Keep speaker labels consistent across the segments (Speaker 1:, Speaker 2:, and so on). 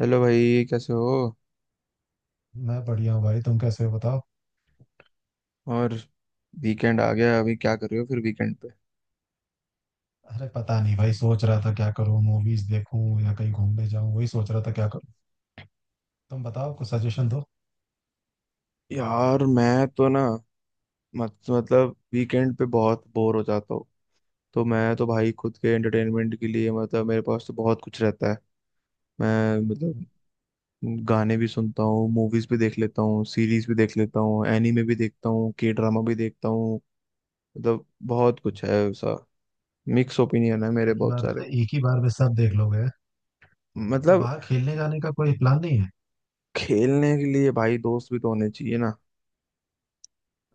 Speaker 1: Hello भाई, कैसे हो?
Speaker 2: मैं बढ़िया हूँ भाई। तुम कैसे हो बताओ।
Speaker 1: और वीकेंड आ गया, अभी क्या कर रहे हो फिर वीकेंड पे?
Speaker 2: अरे पता नहीं भाई, सोच रहा था क्या करूँ, मूवीज देखूँ या कहीं घूमने जाऊँ, वही सोच रहा था क्या करूँ। तुम बताओ, कुछ सजेशन दो।
Speaker 1: यार मैं तो ना मत, मतलब वीकेंड पे बहुत बोर हो जाता हूँ। तो मैं तो भाई, खुद के एंटरटेनमेंट के लिए मतलब मेरे पास तो बहुत कुछ रहता है। मैं, मतलब, गाने भी सुनता हूँ, मूवीज भी देख लेता हूँ, सीरीज भी देख लेता हूँ, एनीमे भी देखता हूँ, के ड्रामा भी देखता हूँ। मतलब बहुत कुछ है ऐसा। मिक्स ओपिनियन है मेरे
Speaker 2: एक ही
Speaker 1: बहुत
Speaker 2: बार
Speaker 1: सारे।
Speaker 2: एक ही बार में सब देख लोगे? तो
Speaker 1: मतलब
Speaker 2: बाहर खेलने जाने का कोई प्लान नहीं है?
Speaker 1: खेलने के लिए भाई दोस्त भी तो होने चाहिए ना।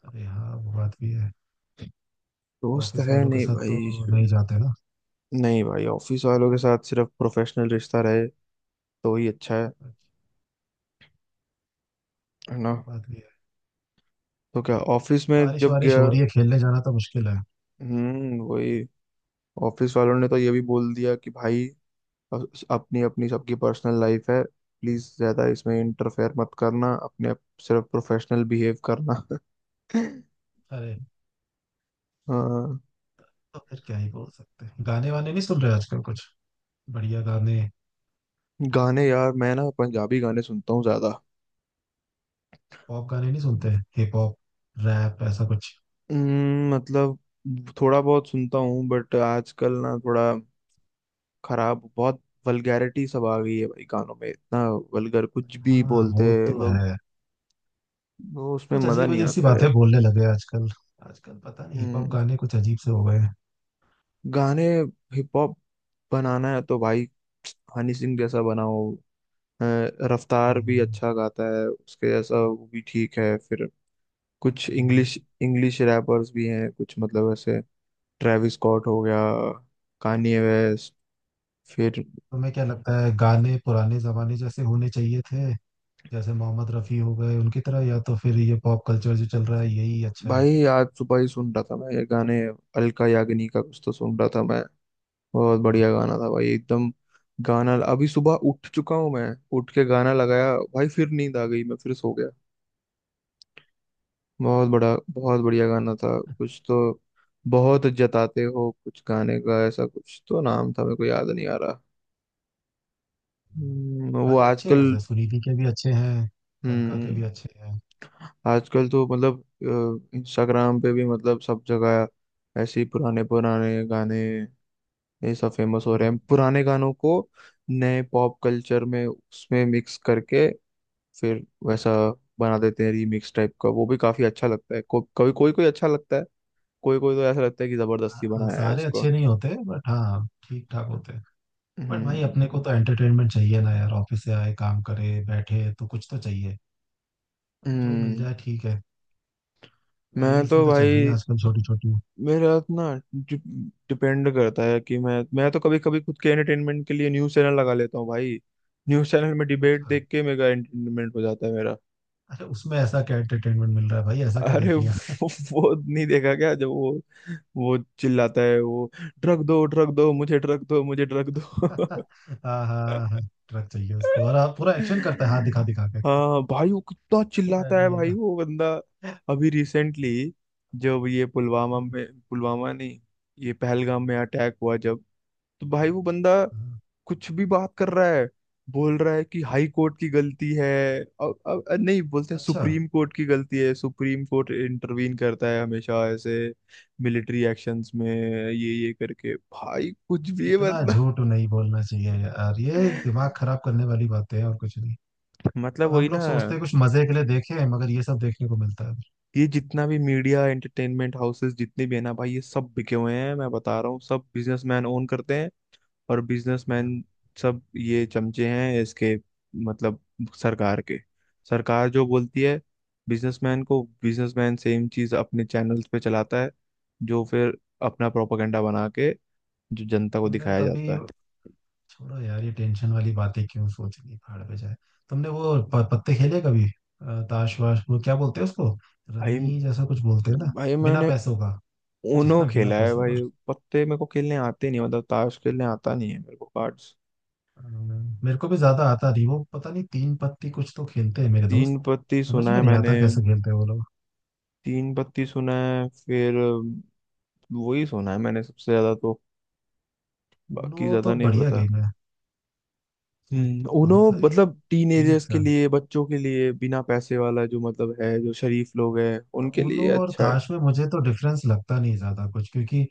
Speaker 2: अरे हाँ, वो बात भी है।
Speaker 1: दोस्त
Speaker 2: ऑफिस
Speaker 1: है
Speaker 2: वालों के
Speaker 1: नहीं
Speaker 2: साथ तो
Speaker 1: भाई।
Speaker 2: नहीं जाते ना?
Speaker 1: नहीं भाई, ऑफिस वालों के साथ सिर्फ प्रोफेशनल रिश्ता रहे तो ही अच्छा है
Speaker 2: अच्छा,
Speaker 1: है ना।
Speaker 2: वो बात भी है।
Speaker 1: तो क्या ऑफिस में
Speaker 2: बारिश
Speaker 1: जब
Speaker 2: वारिश
Speaker 1: गया,
Speaker 2: हो रही है, खेलने जाना तो मुश्किल है।
Speaker 1: वही, ऑफिस वालों ने तो ये भी बोल दिया कि भाई, अ- अपनी अपनी सबकी पर्सनल लाइफ है, प्लीज ज्यादा इसमें इंटरफेयर मत करना, अपने आप सिर्फ प्रोफेशनल बिहेव करना।
Speaker 2: अरे।
Speaker 1: हाँ।
Speaker 2: तो फिर क्या ही बोल सकते हैं। गाने वाने नहीं सुन रहे आजकल कुछ बढ़िया गाने?
Speaker 1: गाने यार मैं ना पंजाबी गाने सुनता हूँ ज्यादा।
Speaker 2: पॉप गाने नहीं सुनते? हिप हॉप, रैप ऐसा कुछ?
Speaker 1: मतलब थोड़ा बहुत सुनता हूँ बट आजकल ना थोड़ा खराब बहुत, वल्गैरिटी सब आ गई है भाई गानों में, इतना वल्गर कुछ भी
Speaker 2: हाँ
Speaker 1: बोलते
Speaker 2: वो
Speaker 1: हैं
Speaker 2: तो
Speaker 1: लोग।
Speaker 2: है।
Speaker 1: वो उसमें
Speaker 2: कुछ
Speaker 1: मजा
Speaker 2: अजीब
Speaker 1: नहीं
Speaker 2: अजीब सी
Speaker 1: आता है।
Speaker 2: बातें बोलने लगे आजकल। आजकल पता नहीं हिप हॉप
Speaker 1: हम्म,
Speaker 2: गाने कुछ अजीब से हो गए हैं।
Speaker 1: गाने, हिप हॉप बनाना है तो भाई, हनी सिंह जैसा बनाओ। अ, रफ्तार भी
Speaker 2: हम्म।
Speaker 1: अच्छा गाता है, उसके जैसा वो भी ठीक है फिर। कुछ
Speaker 2: हम्म।
Speaker 1: इंग्लिश इंग्लिश रैपर्स भी हैं कुछ, मतलब ऐसे, ट्रेविस स्कॉट हो गया, कान्ये वेस्ट, फिर।
Speaker 2: तुम्हें क्या लगता है, गाने पुराने जमाने जैसे होने चाहिए थे, जैसे मोहम्मद रफी हो गए उनकी तरह, या तो फिर ये पॉप कल्चर जो चल रहा है यही अच्छा है?
Speaker 1: भाई आज सुबह ही सुन रहा था मैं ये गाने। अलका याग्निक का कुछ तो सुन रहा था मैं, बहुत बढ़िया गाना था भाई एकदम। गाना, अभी सुबह उठ चुका हूँ मैं, उठ के गाना लगाया भाई, फिर नींद आ गई, मैं फिर सो गया। बहुत बड़ा, बहुत बढ़िया गाना था कुछ तो, बहुत जताते हो कुछ गाने का, ऐसा कुछ तो नाम था मेरे को याद नहीं आ रहा।
Speaker 2: हम्म।
Speaker 1: वो
Speaker 2: गाने अच्छे हैं,
Speaker 1: आजकल,
Speaker 2: वैसे सुनिधि के भी अच्छे हैं। अलका के भी
Speaker 1: हम्म।
Speaker 2: अच्छे हैं।
Speaker 1: आजकल तो मतलब इंस्टाग्राम पे भी, मतलब सब जगह ऐसे ही पुराने पुराने गाने, ये सब फेमस हो रहे
Speaker 2: हम्म।
Speaker 1: हैं, पुराने गानों को नए पॉप कल्चर में उसमें मिक्स करके फिर वैसा बना देते हैं, रीमिक्स टाइप का, वो भी काफी अच्छा लगता है। कभी कोई कोई अच्छा लगता है, कोई कोई तो ऐसा लगता है कि
Speaker 2: हाँ
Speaker 1: जबरदस्ती
Speaker 2: हाँ,
Speaker 1: बनाया है
Speaker 2: सारे अच्छे
Speaker 1: इसको।
Speaker 2: नहीं होते, बट हाँ ठीक ठाक होते हैं। बट भाई
Speaker 1: हम्म।
Speaker 2: अपने को तो एंटरटेनमेंट चाहिए ना यार, ऑफिस से आए काम करे बैठे तो कुछ तो चाहिए। अब जो मिल
Speaker 1: हम्म,
Speaker 2: जाए ठीक है।
Speaker 1: मैं
Speaker 2: रील्स भी
Speaker 1: तो
Speaker 2: तो चल रही है
Speaker 1: भाई,
Speaker 2: आजकल, छोटी छोटी।
Speaker 1: मेरा ना डिपेंड करता है कि मैं तो कभी कभी खुद के एंटरटेनमेंट के लिए न्यूज चैनल लगा लेता हूँ भाई। न्यूज चैनल में डिबेट
Speaker 2: अच्छा।
Speaker 1: देख के मेरा एंटरटेनमेंट हो जाता है मेरा।
Speaker 2: अरे उसमें ऐसा क्या एंटरटेनमेंट मिल रहा है भाई, ऐसा क्या
Speaker 1: अरे
Speaker 2: देख लिया?
Speaker 1: वो नहीं देखा क्या, जब वो चिल्लाता है वो, ड्रग दो, ड्रग दो, मुझे ड्रग दो, मुझे ड्रग
Speaker 2: हाँ।
Speaker 1: दो।
Speaker 2: हाँ, हाँ, हाँ, ट्रक चाहिए उसको, और आप पूरा एक्शन करता है, हाथ दिखा दिखा के।
Speaker 1: हाँ भाई वो कितना चिल्लाता
Speaker 2: अरे।
Speaker 1: है भाई वो बंदा। अभी रिसेंटली जब ये पुलवामा
Speaker 2: हम्म।
Speaker 1: में, पुलवामा नहीं, ये पहलगाम में अटैक हुआ जब, तो भाई वो बंदा कुछ भी बात कर रहा है, बोल रहा है कि हाई कोर्ट की गलती है। अब नहीं बोलते हैं
Speaker 2: अच्छा।
Speaker 1: सुप्रीम कोर्ट की गलती है, सुप्रीम कोर्ट इंटरवीन करता है हमेशा ऐसे मिलिट्री एक्शंस में, ये करके भाई कुछ भी है
Speaker 2: इतना
Speaker 1: मतलब।
Speaker 2: झूठ नहीं बोलना चाहिए यार ये, दिमाग खराब करने वाली बातें हैं और कुछ नहीं।
Speaker 1: मतलब
Speaker 2: अब
Speaker 1: वही
Speaker 2: हम
Speaker 1: ना,
Speaker 2: लोग सोचते हैं कुछ मजे के लिए देखें, मगर ये सब देखने को मिलता है।
Speaker 1: ये जितना भी मीडिया एंटरटेनमेंट हाउसेस जितने भी है ना भाई, ये सब बिके हुए हैं मैं बता रहा हूँ, सब बिजनेसमैन ओन करते हैं। और
Speaker 2: हाँ।
Speaker 1: बिजनेसमैन, सब ये चमचे हैं इसके, मतलब सरकार के। सरकार जो बोलती है बिजनेसमैन को, बिजनेसमैन सेम चीज अपने चैनल्स पे चलाता है, जो फिर अपना प्रोपागेंडा बना के जो जनता को
Speaker 2: तुमने
Speaker 1: दिखाया
Speaker 2: कभी
Speaker 1: जाता है।
Speaker 2: छोड़ो यार, ये टेंशन वाली बातें क्यों सोचनी, पहाड़ पे जाए। तुमने वो पत्ते खेले कभी, ताश वाश, वो क्या बोलते हैं उसको?
Speaker 1: भाई,
Speaker 2: रमी जैसा कुछ बोलते हैं ना?
Speaker 1: भाई
Speaker 2: बिना
Speaker 1: मैंने
Speaker 2: पैसों का।
Speaker 1: ऊनो
Speaker 2: जैसा बिना
Speaker 1: खेला है
Speaker 2: पैसों
Speaker 1: भाई।
Speaker 2: का।
Speaker 1: पत्ते मेरे को खेलने आते नहीं, मतलब ताश खेलने आता नहीं है मेरे को, कार्ड्स।
Speaker 2: मेरे को भी ज्यादा आता नहीं, वो पता नहीं तीन पत्ती कुछ तो खेलते हैं मेरे
Speaker 1: तीन
Speaker 2: दोस्त।
Speaker 1: पत्ती
Speaker 2: समझ
Speaker 1: सुना
Speaker 2: में
Speaker 1: है
Speaker 2: नहीं
Speaker 1: मैंने।
Speaker 2: आता कैसे खेलते हैं वो लोग।
Speaker 1: तीन पत्ती सुना है फिर, वही सुना है मैंने सबसे ज्यादा तो, बाकी
Speaker 2: उनो
Speaker 1: ज्यादा
Speaker 2: तो
Speaker 1: नहीं
Speaker 2: बढ़िया
Speaker 1: पता।
Speaker 2: गेम है। उसमें
Speaker 1: हम्म, उनो,
Speaker 2: बहुत सारी
Speaker 1: मतलब टीनेजर्स
Speaker 2: टेक्निक्स
Speaker 1: के
Speaker 2: है।
Speaker 1: लिए, बच्चों के लिए, बिना पैसे वाला जो मतलब है, जो शरीफ लोग हैं उनके
Speaker 2: उनो
Speaker 1: लिए
Speaker 2: और
Speaker 1: अच्छा है।
Speaker 2: ताश में मुझे तो डिफरेंस लगता नहीं ज्यादा कुछ, क्योंकि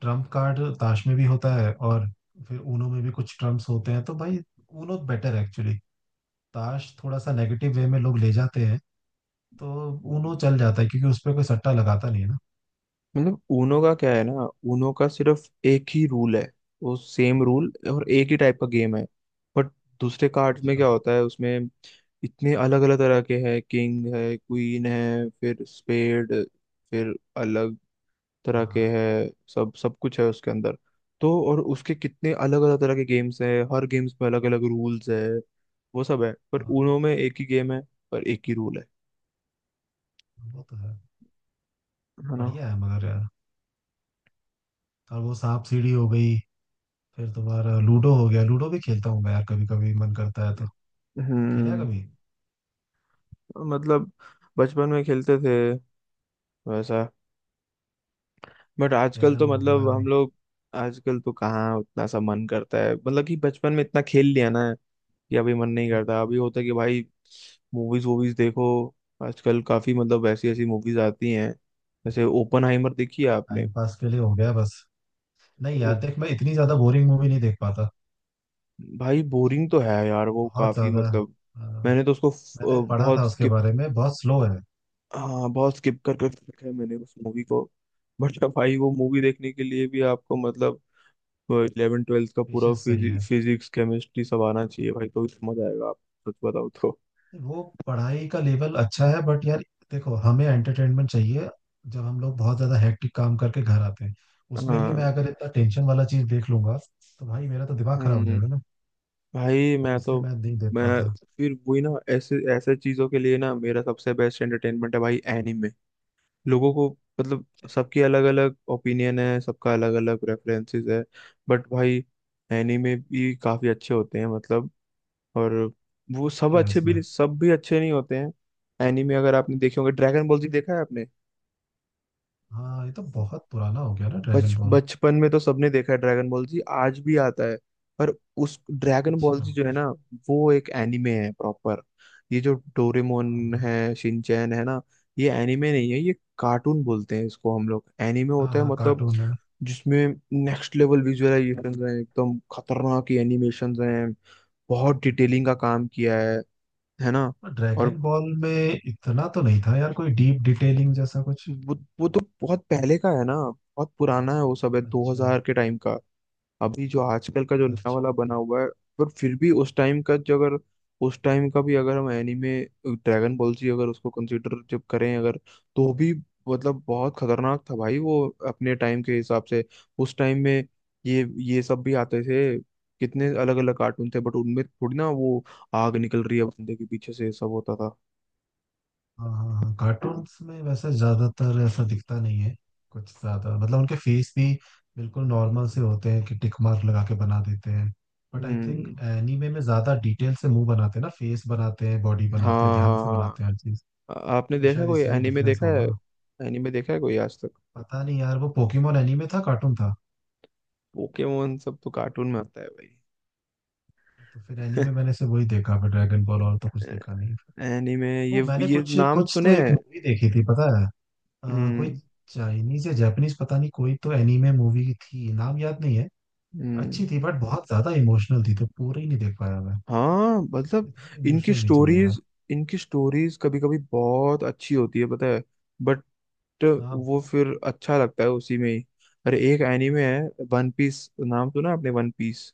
Speaker 2: ट्रम्प कार्ड ताश में भी होता है, और फिर ऊनो में भी कुछ ट्रम्प्स होते हैं, तो भाई ऊनो बेटर है एक्चुअली। ताश थोड़ा सा नेगेटिव वे में लोग ले जाते हैं, तो ऊनो चल जाता है, क्योंकि उस पर कोई सट्टा लगाता नहीं है ना।
Speaker 1: मतलब ऊनो का क्या है ना, ऊनो का सिर्फ एक ही रूल है। वो सेम रूल और एक ही टाइप का गेम है। बट दूसरे कार्ड्स में
Speaker 2: अच्छा।
Speaker 1: क्या होता है उसमें, इतने अलग अलग तरह के हैं, किंग है, क्वीन है, फिर स्पेड, फिर अलग तरह
Speaker 2: हाँ।
Speaker 1: के है। सब सब कुछ है उसके अंदर। तो और उसके कितने अलग अलग तरह के गेम्स हैं, हर गेम्स में अलग अलग रूल्स है, वो सब है। पर
Speaker 2: हाँ
Speaker 1: ऊनो में एक ही गेम है और एक ही रूल है
Speaker 2: वो तो है।
Speaker 1: है ना।
Speaker 2: बढ़िया है, मगर यार। और वो सांप सीढ़ी हो गई। फिर तुम्हारा लूडो हो गया। लूडो भी खेलता हूँ मैं यार, कभी कभी मन करता है तो। खेला है
Speaker 1: हम्म,
Speaker 2: कभी?
Speaker 1: मतलब बचपन में खेलते थे वैसा, बट आजकल
Speaker 2: कैरम
Speaker 1: तो
Speaker 2: हो गया।
Speaker 1: मतलब हम लोग, आजकल तो कहाँ उतना सा मन करता है, मतलब कि बचपन में इतना खेल लिया ना, कि अभी मन नहीं करता। अभी होता है कि भाई, मूवीज वूवीज देखो। आजकल काफी, मतलब, ऐसी ऐसी मूवीज आती हैं जैसे ओपनहाइमर, देखी है आपने?
Speaker 2: टाइम पास के लिए हो गया बस। नहीं
Speaker 1: ओ,
Speaker 2: यार देख, मैं इतनी ज्यादा बोरिंग मूवी नहीं देख पाता।
Speaker 1: भाई बोरिंग तो है यार वो
Speaker 2: बहुत
Speaker 1: काफी,
Speaker 2: ज्यादा।
Speaker 1: मतलब, मैंने तो उसको
Speaker 2: मैंने पढ़ा था
Speaker 1: बहुत
Speaker 2: उसके
Speaker 1: स्किप,
Speaker 2: बारे में, बहुत स्लो है।
Speaker 1: हाँ बहुत स्किप कर कर रखा है मैंने उस मूवी को। बट भाई वो मूवी देखने के लिए भी आपको, मतलब, इलेवन ट्वेल्थ का पूरा
Speaker 2: पेशेंस चाहिए।
Speaker 1: फिजिक्स केमिस्ट्री सब आना चाहिए भाई, तो समझ आएगा आप। सच बताओ तो।
Speaker 2: वो पढ़ाई का लेवल अच्छा है, बट यार देखो, हमें एंटरटेनमेंट चाहिए। जब हम लोग बहुत ज्यादा हेक्टिक काम करके घर आते हैं, उसमें भी मैं
Speaker 1: हाँ।
Speaker 2: अगर इतना टेंशन वाला चीज देख लूंगा, तो भाई मेरा तो दिमाग खराब हो
Speaker 1: हम्म।
Speaker 2: जाएगा ना।
Speaker 1: भाई
Speaker 2: तो
Speaker 1: मैं
Speaker 2: इसलिए
Speaker 1: तो,
Speaker 2: मैं नहीं देख
Speaker 1: मैं
Speaker 2: पाता।
Speaker 1: फिर वही ना, ऐसे ऐसे चीजों के लिए ना मेरा सबसे बेस्ट एंटरटेनमेंट है भाई, एनीमे। लोगों को, मतलब, सबकी अलग अलग ओपिनियन है, सबका अलग अलग प्रेफरेंसेस है। बट भाई एनीमे भी काफी अच्छे होते हैं, मतलब। और वो सब
Speaker 2: क्या है
Speaker 1: अच्छे,
Speaker 2: इसमें?
Speaker 1: भी सब भी अच्छे नहीं होते हैं। एनीमे, अगर आपने देखे होंगे, ड्रैगन बॉल जी देखा है आपने?
Speaker 2: हाँ, ये तो बहुत पुराना हो गया ना ड्रैगन
Speaker 1: बच
Speaker 2: बॉल।
Speaker 1: बचपन में तो सबने देखा है, ड्रैगन बॉल जी आज भी आता है। पर उस ड्रैगन बॉल जी
Speaker 2: अच्छा।
Speaker 1: जो है ना, वो एक एनिमे है प्रॉपर। ये जो डोरेमोन
Speaker 2: हाँ
Speaker 1: है, शिनचैन है ना, ये एनिमे नहीं है, ये कार्टून, बोलते हैं इसको हम लोग। एनिमे
Speaker 2: हाँ
Speaker 1: होता है
Speaker 2: हाँ,
Speaker 1: मतलब
Speaker 2: कार्टून है।
Speaker 1: जिसमें नेक्स्ट लेवल विजुअलाइजेशन है, एकदम खतरनाक एनिमेशन हैं, बहुत डिटेलिंग का काम किया है ना। और
Speaker 2: ड्रैगन बॉल में इतना तो नहीं था यार, कोई डीप डिटेलिंग जैसा कुछ।
Speaker 1: वो तो बहुत पहले का है ना, बहुत पुराना है वो, सब है
Speaker 2: अच्छा।
Speaker 1: 2000 के टाइम का। अभी जो आजकल का जो नया वाला
Speaker 2: अच्छा।
Speaker 1: बना हुआ है, पर फिर भी उस टाइम का जो, अगर उस टाइम का भी अगर हम एनीमे, ड्रैगन बॉल जी अगर उसको कंसीडर जब करें अगर, तो भी, मतलब, बहुत खतरनाक था भाई वो, अपने टाइम के हिसाब से। उस टाइम में ये, सब भी आते थे, कितने अलग अलग कार्टून थे, बट उनमें थोड़ी ना वो, आग निकल रही है बंदे के पीछे से, ये सब होता था।
Speaker 2: हाँ हाँ हाँ, कार्टून्स में वैसे ज्यादातर ऐसा दिखता नहीं है कुछ ज्यादा, मतलब उनके फेस भी बिल्कुल नॉर्मल से होते हैं, कि टिक मार्क लगा के बना देते हैं। But I think
Speaker 1: hmm,
Speaker 2: anime में ज्यादा डिटेल से मुंह बनाते हैं ना, फेस बनाते हैं, बॉडी
Speaker 1: हाँ,
Speaker 2: बनाते हैं, ध्यान
Speaker 1: हाँ
Speaker 2: से बनाते
Speaker 1: हाँ।
Speaker 2: हैं हर चीज।
Speaker 1: आपने
Speaker 2: तो
Speaker 1: देखा,
Speaker 2: शायद
Speaker 1: कोई
Speaker 2: इसलिए
Speaker 1: एनीमे
Speaker 2: डिफरेंस
Speaker 1: देखा है?
Speaker 2: होगा।
Speaker 1: एनीमे देखा है कोई आज तक?
Speaker 2: पता नहीं यार, वो पोकेमोन एनीमे था कार्टून था।
Speaker 1: पोकेमोन, सब तो कार्टून में आता है भाई।
Speaker 2: तो फिर एनीमे मैंने सिर्फ वही देखा, फिर ड्रैगन बॉल, और तो कुछ देखा नहीं फिर।
Speaker 1: एनीमे,
Speaker 2: वो मैंने
Speaker 1: ये
Speaker 2: कुछ
Speaker 1: नाम
Speaker 2: कुछ तो
Speaker 1: सुने
Speaker 2: एक
Speaker 1: हैं?
Speaker 2: मूवी देखी थी पता है, अ, कोई
Speaker 1: हम्म।
Speaker 2: चाइनीज या जापानीज पता नहीं, कोई तो एनीमे मूवी थी, नाम याद नहीं है।
Speaker 1: हम्म।
Speaker 2: अच्छी थी, बट बहुत ज्यादा इमोशनल थी, तो पूरी नहीं देख पाया मैं।
Speaker 1: हाँ, मतलब,
Speaker 2: इतना
Speaker 1: इनकी
Speaker 2: इमोशनल नहीं चाहिए यार।
Speaker 1: स्टोरीज, इनकी स्टोरीज कभी कभी बहुत अच्छी होती है पता है। बट
Speaker 2: हाँ।
Speaker 1: वो फिर अच्छा लगता है उसी में ही। अरे, एक एनीमे है, वन पीस नाम सुना आपने, वन पीस?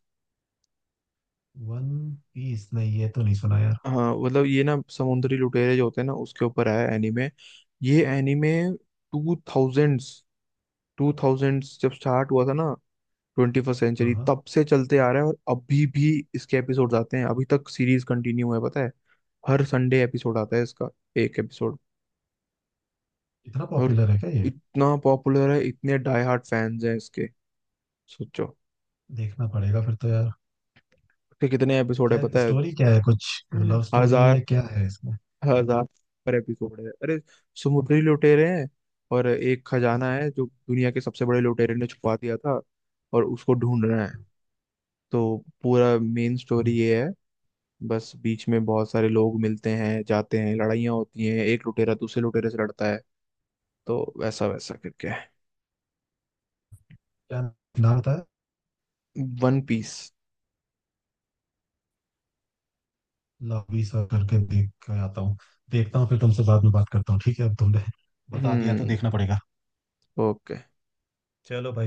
Speaker 2: वन पीस नहीं, ये तो नहीं सुना यार।
Speaker 1: हाँ, मतलब ये ना समुद्री लुटेरे जो होते हैं ना, उसके ऊपर है एनीमे। ये एनीमे 2000s, 2000s जब स्टार्ट हुआ था ना, 21st
Speaker 2: हाँ
Speaker 1: सेंचुरी,
Speaker 2: हाँ।
Speaker 1: तब से चलते आ रहा है और अभी भी इसके एपिसोड्स आते हैं। अभी तक सीरीज कंटिन्यू है पता है। हर संडे एपिसोड आता है इसका, एक एपिसोड।
Speaker 2: इतना
Speaker 1: और
Speaker 2: पॉपुलर है क्या ये?
Speaker 1: इतना पॉपुलर है, इतने डाई हार्ट फैंस हैं इसके, सोचो
Speaker 2: देखना पड़ेगा फिर तो यार।
Speaker 1: कि कितने एपिसोड है
Speaker 2: क्या
Speaker 1: पता है।
Speaker 2: स्टोरी, क्या है कुछ?
Speaker 1: हम्म।
Speaker 2: लव स्टोरी
Speaker 1: 1000,
Speaker 2: है, क्या है इसमें?
Speaker 1: 1000 पर एपिसोड है। अरे, समुद्री लुटेरे हैं और एक खजाना है जो दुनिया के सबसे बड़े लुटेरे ने छुपा दिया था, और उसको ढूंढ रहे हैं। तो पूरा मेन स्टोरी ये है। बस बीच में बहुत सारे लोग मिलते हैं, जाते हैं, लड़ाइयाँ होती हैं, एक लुटेरा दूसरे लुटेरे से लड़ता है, तो वैसा वैसा करके।
Speaker 2: क्या नाम होता है?
Speaker 1: One Piece.
Speaker 2: लवी सर करके देख के आता हूँ। देखता हूँ, फिर तुमसे बाद में बात करता हूँ, ठीक है, अब तुमने बता दिया तो
Speaker 1: हम्म।
Speaker 2: देखना पड़ेगा।
Speaker 1: ओके।
Speaker 2: चलो भाई।